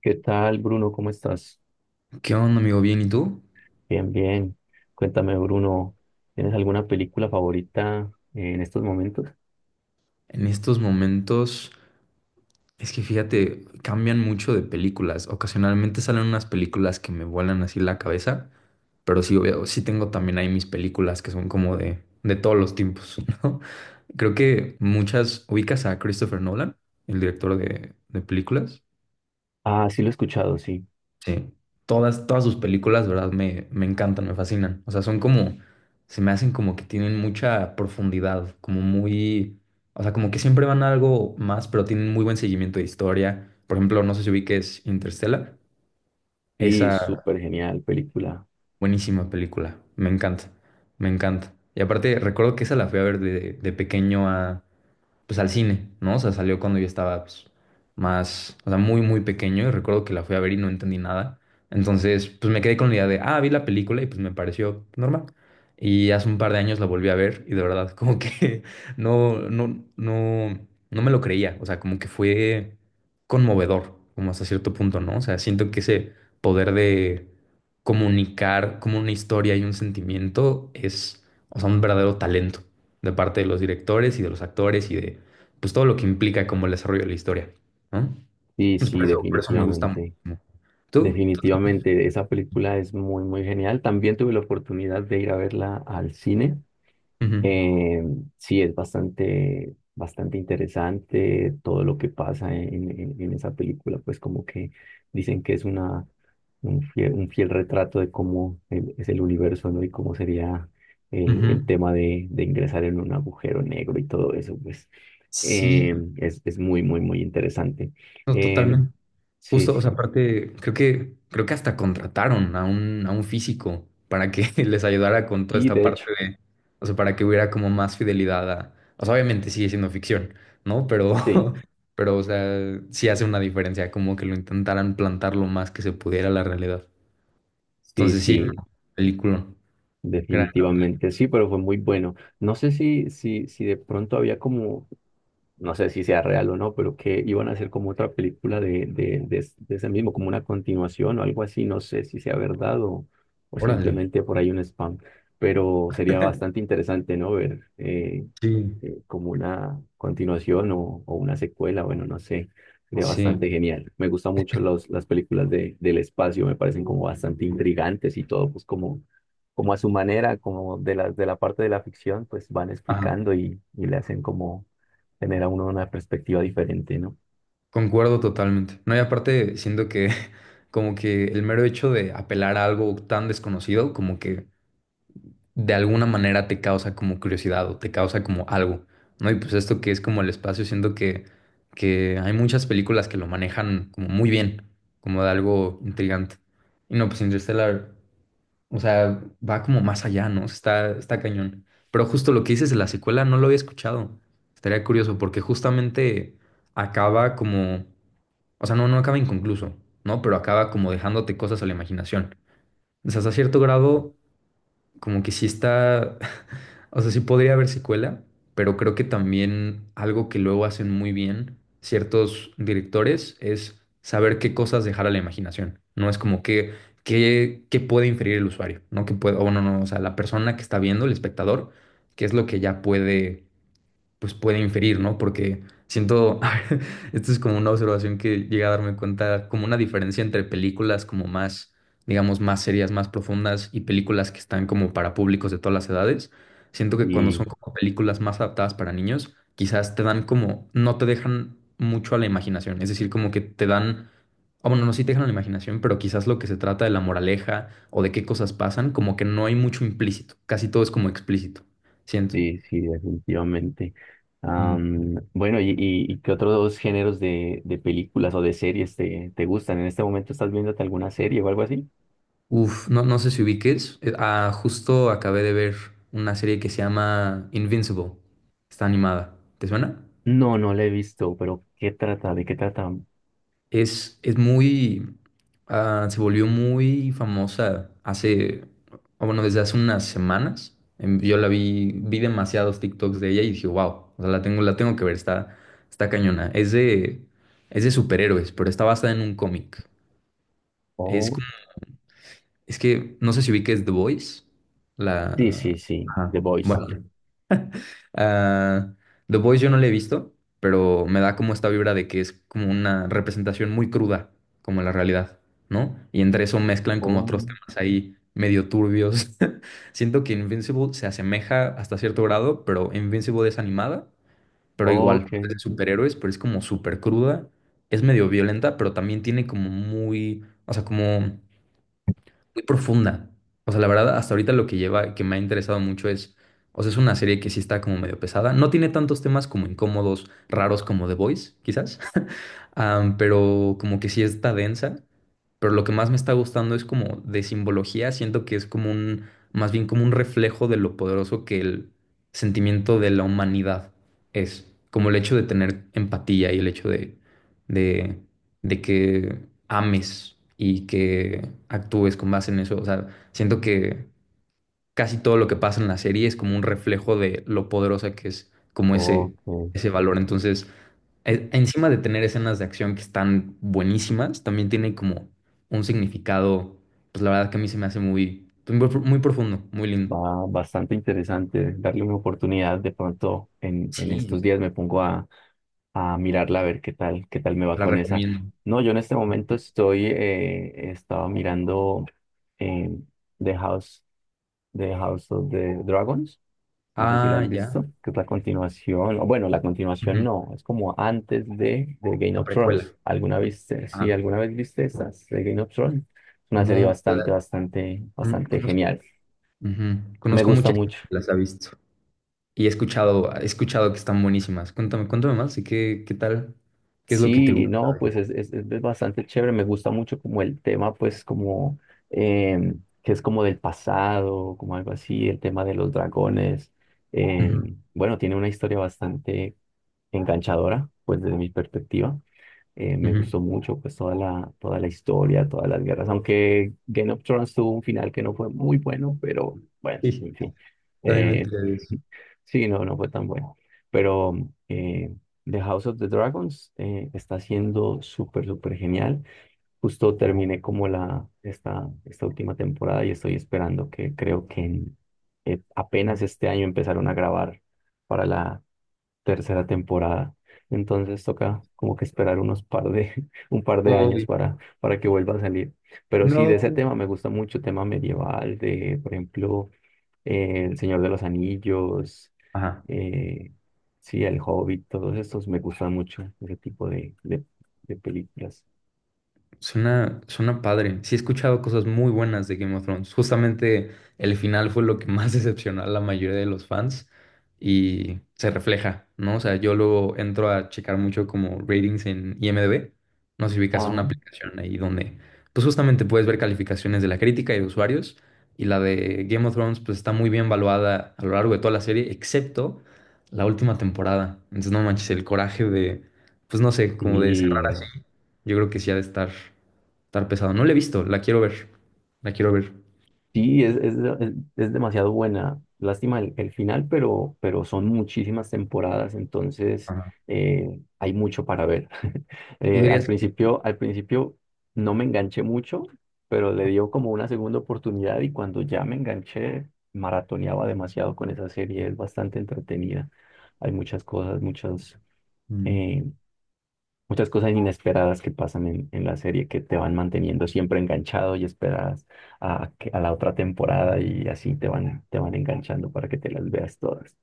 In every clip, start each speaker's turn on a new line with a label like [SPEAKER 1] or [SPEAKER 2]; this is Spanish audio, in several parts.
[SPEAKER 1] ¿Qué tal, Bruno? ¿Cómo estás?
[SPEAKER 2] ¿Qué onda, amigo? Bien, ¿y tú?
[SPEAKER 1] Bien, bien. Cuéntame, Bruno, ¿tienes alguna película favorita en estos momentos?
[SPEAKER 2] En estos momentos, es que fíjate, cambian mucho de películas. Ocasionalmente salen unas películas que me vuelan así la cabeza, pero sí, obvio, sí tengo también ahí mis películas que son como de todos los tiempos, ¿no? Creo que muchas ubicas a Christopher Nolan, el director de películas.
[SPEAKER 1] Ah, sí, lo he escuchado, sí.
[SPEAKER 2] Sí, todas sus películas, ¿verdad? Me encantan, me fascinan. O sea, son como, se me hacen como que tienen mucha profundidad, como muy, o sea, como que siempre van a algo más, pero tienen muy buen seguimiento de historia. Por ejemplo, no sé si ubiques Interstellar,
[SPEAKER 1] Sí,
[SPEAKER 2] esa
[SPEAKER 1] súper genial película.
[SPEAKER 2] buenísima película, me encanta, me encanta. Y aparte, recuerdo que esa la fui a ver de pequeño a, pues al cine, ¿no? O sea, salió cuando yo estaba pues, más, o sea, muy, muy pequeño y recuerdo que la fui a ver y no entendí nada. Entonces, pues me quedé con la idea de, ah, vi la película y pues me pareció normal. Y hace un par de años la volví a ver y de verdad como que no, no, no, no me lo creía. O sea, como que fue conmovedor, como hasta cierto punto, ¿no? O sea, siento que ese poder de comunicar como una historia y un sentimiento es, o sea, un verdadero talento de parte de los directores y de los actores y de pues todo lo que implica como el desarrollo de la historia, ¿no?
[SPEAKER 1] Sí,
[SPEAKER 2] Entonces, por
[SPEAKER 1] sí,
[SPEAKER 2] eso, por eso me gusta
[SPEAKER 1] definitivamente.
[SPEAKER 2] muchísimo. ¿Tú?
[SPEAKER 1] Definitivamente, esa película es muy, muy genial. También tuve la oportunidad de ir a verla al cine.
[SPEAKER 2] Ujú,
[SPEAKER 1] Eh, sí, es bastante, bastante interesante todo lo que pasa en esa película, pues como que dicen que es un un fiel retrato de cómo es el universo, ¿no? Y cómo sería
[SPEAKER 2] ujú.
[SPEAKER 1] el tema de ingresar en un agujero negro y todo eso, pues
[SPEAKER 2] Sí,
[SPEAKER 1] es muy, muy, muy interesante.
[SPEAKER 2] no,
[SPEAKER 1] Eh,
[SPEAKER 2] totalmente.
[SPEAKER 1] sí,
[SPEAKER 2] Justo, o sea,
[SPEAKER 1] sí,
[SPEAKER 2] aparte, creo que hasta contrataron a un físico para que les ayudara con toda
[SPEAKER 1] y
[SPEAKER 2] esta
[SPEAKER 1] de
[SPEAKER 2] parte
[SPEAKER 1] hecho,
[SPEAKER 2] de, o sea, para que hubiera como más fidelidad a, o sea, obviamente sigue siendo ficción, ¿no? Pero,
[SPEAKER 1] sí,
[SPEAKER 2] pero, o sea, sí hace una diferencia, como que lo intentaran plantar lo más que se pudiera la realidad.
[SPEAKER 1] sí,
[SPEAKER 2] Entonces sí, no,
[SPEAKER 1] sí.
[SPEAKER 2] película. Gran.
[SPEAKER 1] Definitivamente sí, pero fue muy bueno. No sé si de pronto había como, no sé si sea real o no, pero que iban a hacer como otra película de ese mismo, como una continuación o algo así. No sé si sea verdad o
[SPEAKER 2] Órale.
[SPEAKER 1] simplemente por ahí un spam, pero sería bastante interesante, ¿no? Ver eh,
[SPEAKER 2] Sí.
[SPEAKER 1] eh, como una continuación o una secuela, bueno, no sé, sería
[SPEAKER 2] Sí.
[SPEAKER 1] bastante genial. Me gustan mucho las películas del espacio, me parecen como bastante intrigantes y todo, pues como, como a su manera, como de de la parte de la ficción, pues van
[SPEAKER 2] Ajá.
[SPEAKER 1] explicando y le hacen como tener a uno una perspectiva diferente, ¿no?
[SPEAKER 2] Concuerdo totalmente. No, y aparte siento que como que el mero hecho de apelar a algo tan desconocido, como que de alguna manera te causa como curiosidad o te causa como algo, ¿no? Y pues esto que es como el espacio, siento que hay muchas películas que lo manejan como muy bien, como de algo intrigante. Y no, pues Interstellar. O sea, va como más allá, ¿no? O sea, está, está cañón. Pero justo lo que dices de la secuela no lo había escuchado. Estaría curioso porque justamente acaba como, o sea, no, no acaba inconcluso, ¿no? Pero acaba como dejándote cosas a la imaginación. O sea, hasta cierto grado, como que sí está, o sea, sí podría haber secuela, pero creo que también algo que luego hacen muy bien ciertos directores es saber qué cosas dejar a la imaginación. No es como que, qué, qué puede inferir el usuario, ¿no? Que puede, o no, no, o sea, la persona que está viendo, el espectador, qué es lo que ya puede pues puede inferir, ¿no? Porque siento, esto es como una observación que llegué a darme cuenta, como una diferencia entre películas como más, digamos, más serias, más profundas y películas que están como para públicos de todas las edades. Siento que cuando
[SPEAKER 1] Sí,
[SPEAKER 2] son como películas más adaptadas para niños, quizás te dan como, no te dejan mucho a la imaginación, es decir, como que te dan... Ah, bueno, no, sí te dejan a la imaginación, pero quizás lo que se trata de la moraleja o de qué cosas pasan, como que no hay mucho implícito, casi todo es como explícito, siento.
[SPEAKER 1] sí, sí, definitivamente.
[SPEAKER 2] Ujú.
[SPEAKER 1] Bueno, y qué otros dos géneros de películas o de series te gustan? ¿En este momento estás viéndote alguna serie o algo así?
[SPEAKER 2] Uf, no, no sé si ubiques. Ah, justo acabé de ver una serie que se llama Invincible. Está animada. ¿Te suena?
[SPEAKER 1] No, no la he visto, pero ¿qué trata? ¿De qué trata?
[SPEAKER 2] Es muy... ah, se volvió muy famosa hace... o bueno, desde hace unas semanas. Yo la vi, vi demasiados TikToks de ella y dije, wow, o sea, la tengo que ver, está, está cañona. Es de superhéroes, pero está basada en un cómic. Es
[SPEAKER 1] Oh,
[SPEAKER 2] como, es que no sé si ubiques The Voice.
[SPEAKER 1] sí,
[SPEAKER 2] La...
[SPEAKER 1] sí, sí,
[SPEAKER 2] Ajá.
[SPEAKER 1] The Voice.
[SPEAKER 2] Ah, The Boys yo no la he visto, pero me da como esta vibra de que es como una representación muy cruda, como la realidad, ¿no? Y entre eso mezclan como
[SPEAKER 1] Oh,
[SPEAKER 2] otros temas ahí medio turbios. Siento que Invincible se asemeja hasta cierto grado, pero Invincible es animada, pero igual,
[SPEAKER 1] ok,
[SPEAKER 2] es de superhéroes, pero es como súper cruda, es medio violenta, pero también tiene como muy, o sea, como muy profunda. O sea, la verdad, hasta ahorita lo que lleva, que me ha interesado mucho es, o sea, es una serie que sí está como medio pesada. No tiene tantos temas como incómodos, raros como The Voice, quizás, pero como que sí está densa. Pero lo que más me está gustando es como de simbología. Siento que es como un, más bien como un reflejo de lo poderoso que el sentimiento de la humanidad es. Como el hecho de tener empatía y el hecho de, de que ames y que actúes con base en eso. O sea, siento que casi todo lo que pasa en la serie es como un reflejo de lo poderosa que es como ese,
[SPEAKER 1] ok.
[SPEAKER 2] ese valor. Entonces e- encima de tener escenas de acción que están buenísimas, también tiene como un significado, pues la verdad que a mí se me hace muy, pues, muy, pro- muy profundo, muy lindo.
[SPEAKER 1] Va bastante interesante darle una oportunidad. De pronto en estos
[SPEAKER 2] Sí,
[SPEAKER 1] días me pongo a mirarla a ver qué tal me va
[SPEAKER 2] la
[SPEAKER 1] con esa.
[SPEAKER 2] recomiendo.
[SPEAKER 1] No, yo en este momento estoy, estaba mirando eh, The House, The House of the Dragons. No sé si lo
[SPEAKER 2] Ah,
[SPEAKER 1] has
[SPEAKER 2] ya.
[SPEAKER 1] visto, que es la continuación. O bueno, la continuación
[SPEAKER 2] Ujú,
[SPEAKER 1] no, es como antes de Game
[SPEAKER 2] la
[SPEAKER 1] of
[SPEAKER 2] precuela.
[SPEAKER 1] Thrones. ¿Alguna
[SPEAKER 2] Ujú,
[SPEAKER 1] viste? Sí,
[SPEAKER 2] ah,
[SPEAKER 1] alguna vez viste esas de Game of Thrones. Es una serie
[SPEAKER 2] no,
[SPEAKER 1] bastante,
[SPEAKER 2] la-
[SPEAKER 1] bastante,
[SPEAKER 2] con-
[SPEAKER 1] bastante
[SPEAKER 2] conozco,
[SPEAKER 1] genial.
[SPEAKER 2] ujú,
[SPEAKER 1] Me
[SPEAKER 2] conozco
[SPEAKER 1] gusta
[SPEAKER 2] mucha gente
[SPEAKER 1] mucho.
[SPEAKER 2] que las ha visto y he escuchado que están buenísimas. Cuéntame, cuéntame más, ¿y qué, qué tal? ¿Qué es lo que te
[SPEAKER 1] Sí,
[SPEAKER 2] gusta?
[SPEAKER 1] no, pues es bastante chévere. Me gusta mucho como el tema, pues como que es como del pasado, como algo así, el tema de los dragones.
[SPEAKER 2] Ujú,
[SPEAKER 1] Em, bueno, tiene una historia bastante enganchadora, pues desde mi perspectiva. Me
[SPEAKER 2] ujú.
[SPEAKER 1] gustó mucho pues toda toda la historia, todas las guerras, aunque Game of Thrones tuvo un final que no fue muy bueno, pero bueno,
[SPEAKER 2] Sí,
[SPEAKER 1] en fin.
[SPEAKER 2] también me
[SPEAKER 1] Eh,
[SPEAKER 2] enteré de eso.
[SPEAKER 1] sí, no, no fue tan bueno. Pero eh, The House of the Dragons está siendo súper, súper genial. Justo terminé como esta última temporada y estoy esperando que creo que apenas este año empezaron a grabar para la tercera temporada. Entonces toca como que esperar un par de años
[SPEAKER 2] Uy,
[SPEAKER 1] para que vuelva a salir. Pero sí, de ese
[SPEAKER 2] no.
[SPEAKER 1] tema me gusta mucho, tema medieval, de, por ejemplo, El Señor de los Anillos,
[SPEAKER 2] Ajá,
[SPEAKER 1] eh, sí, El Hobbit, todos estos me gustan mucho, ese tipo de películas.
[SPEAKER 2] suena, suena padre. Sí he escuchado cosas muy buenas de Game of Thrones. Justamente el final fue lo que más decepcionó a la mayoría de los fans y se refleja, ¿no? O sea, yo luego entro a checar mucho como ratings en IMDb. No sé si ubicas, es
[SPEAKER 1] Ajá.
[SPEAKER 2] una aplicación ahí donde pues justamente puedes ver calificaciones de la crítica y de usuarios y la de Game of Thrones pues está muy bien evaluada a lo largo de toda la serie, excepto la última temporada. Entonces no manches, el coraje de, pues no sé, como de cerrar
[SPEAKER 1] Y
[SPEAKER 2] así. Yo creo que sí ha de estar, estar pesado. No la he visto, la quiero ver. La quiero ver.
[SPEAKER 1] sí, es demasiado buena. Lástima el final, pero son muchísimas temporadas, entonces
[SPEAKER 2] Ajá.
[SPEAKER 1] hay mucho para ver.
[SPEAKER 2] ¿Tú dirías que...
[SPEAKER 1] Al principio no me enganché mucho, pero le dio como una segunda oportunidad y cuando ya me enganché, maratoneaba demasiado con esa serie. Es bastante entretenida. Hay muchas cosas, muchas,
[SPEAKER 2] Mm,
[SPEAKER 1] eh, muchas cosas inesperadas que pasan en la serie que te van manteniendo siempre enganchado y esperadas a la otra temporada y así te van enganchando para que te las veas todas.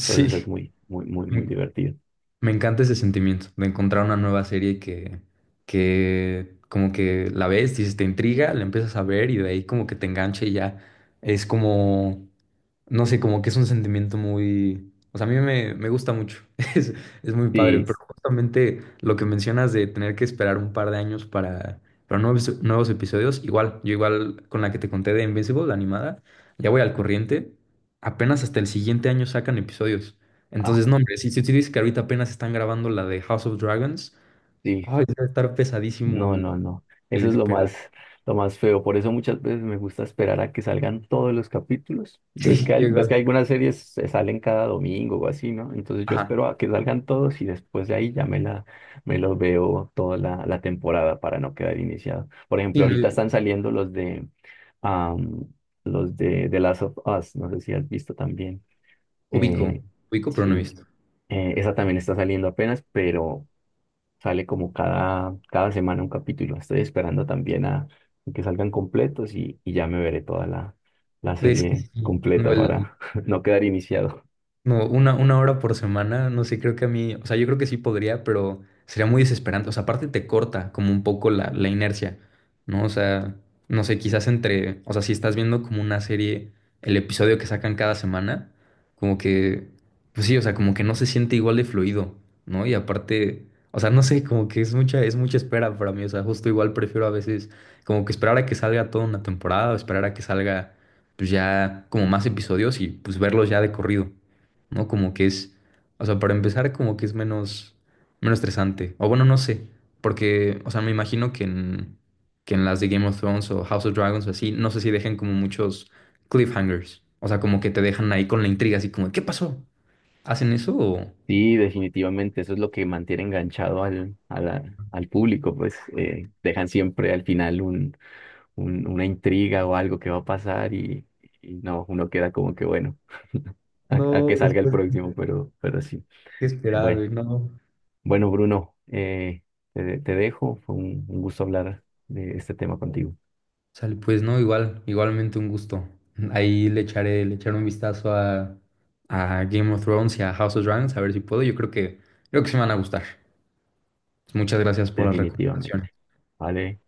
[SPEAKER 1] Entonces es muy, muy, muy, muy divertido.
[SPEAKER 2] me encanta ese sentimiento de encontrar una nueva serie que como que la ves, dices, te intriga, la empiezas a ver y de ahí como que te engancha y ya es como, no sé, como que es un sentimiento muy, o sea, a mí me, me gusta mucho, es, es muy padre,
[SPEAKER 1] Sí,
[SPEAKER 2] pero justamente lo que mencionas de tener que esperar un par de años para nuevos, nuevos episodios, igual, yo igual con la que te conté de Invincible, la animada, ya voy al corriente, apenas hasta el siguiente año sacan episodios.
[SPEAKER 1] ah,
[SPEAKER 2] Entonces, no, hombre, si, si tú dices que ahorita apenas están grabando la de House of Dragons,
[SPEAKER 1] sí.
[SPEAKER 2] ay, debe estar pesadísimo
[SPEAKER 1] No, no, no.
[SPEAKER 2] el
[SPEAKER 1] Eso es
[SPEAKER 2] esperar.
[SPEAKER 1] lo más feo. Por eso muchas veces me gusta esperar a que salgan todos los capítulos.
[SPEAKER 2] Sí, yo
[SPEAKER 1] Ves que
[SPEAKER 2] igual.
[SPEAKER 1] algunas series se salen cada domingo o así, ¿no? Entonces yo
[SPEAKER 2] Ajá.
[SPEAKER 1] espero a que salgan todos y después de ahí ya me los veo toda la temporada para no quedar iniciado. Por
[SPEAKER 2] Sí,
[SPEAKER 1] ejemplo, ahorita
[SPEAKER 2] no,
[SPEAKER 1] están saliendo am, los de The Last of Us. No sé si has visto también.
[SPEAKER 2] ubico,
[SPEAKER 1] Eh,
[SPEAKER 2] ubico, pero no he
[SPEAKER 1] sí,
[SPEAKER 2] visto.
[SPEAKER 1] esa también está saliendo apenas, pero sale como cada, cada semana un capítulo. Estoy esperando también a que salgan completos y ya me veré toda la
[SPEAKER 2] Es que
[SPEAKER 1] serie
[SPEAKER 2] sí, no,
[SPEAKER 1] completa
[SPEAKER 2] el,
[SPEAKER 1] para no quedar iniciado.
[SPEAKER 2] no, una hora por semana, no sé, creo que a mí, o sea, yo creo que sí podría, pero sería muy desesperante. O sea, aparte te corta como un poco la, la inercia, ¿no? O sea, no sé, quizás entre, o sea, si estás viendo como una serie, el episodio que sacan cada semana, como que, pues sí, o sea, como que no se siente igual de fluido, ¿no? Y aparte, o sea, no sé, como que es mucha espera para mí, o sea, justo igual prefiero a veces como que esperar a que salga toda una temporada o esperar a que salga, pues ya como más episodios y pues verlos ya de corrido. ¿No? Como que es, o sea, para empezar, como que es menos, menos estresante. O bueno, no sé, porque, o sea, me imagino que en las de Game of Thrones o House of Dragons o así, no sé si dejen como muchos cliffhangers. O sea, como que te dejan ahí con la intriga, así como, ¿qué pasó? ¿Hacen eso o...?
[SPEAKER 1] Sí, definitivamente, eso es lo que mantiene enganchado al público, pues dejan siempre al final una intriga o algo que va a pasar y no, uno queda como que bueno, a
[SPEAKER 2] No,
[SPEAKER 1] que salga el
[SPEAKER 2] después hay
[SPEAKER 1] próximo, pero sí.
[SPEAKER 2] que esperar,
[SPEAKER 1] Bueno.
[SPEAKER 2] güey, no.
[SPEAKER 1] Bueno, Bruno, te dejo. Fue un gusto hablar de este tema contigo,
[SPEAKER 2] Sale, pues no, igual, igualmente un gusto. Ahí le echaré un vistazo a Game of Thrones y a House of Dragons, a ver si puedo. Yo creo que se me van a gustar. Muchas gracias por las recomendaciones.
[SPEAKER 1] definitivamente. Vale.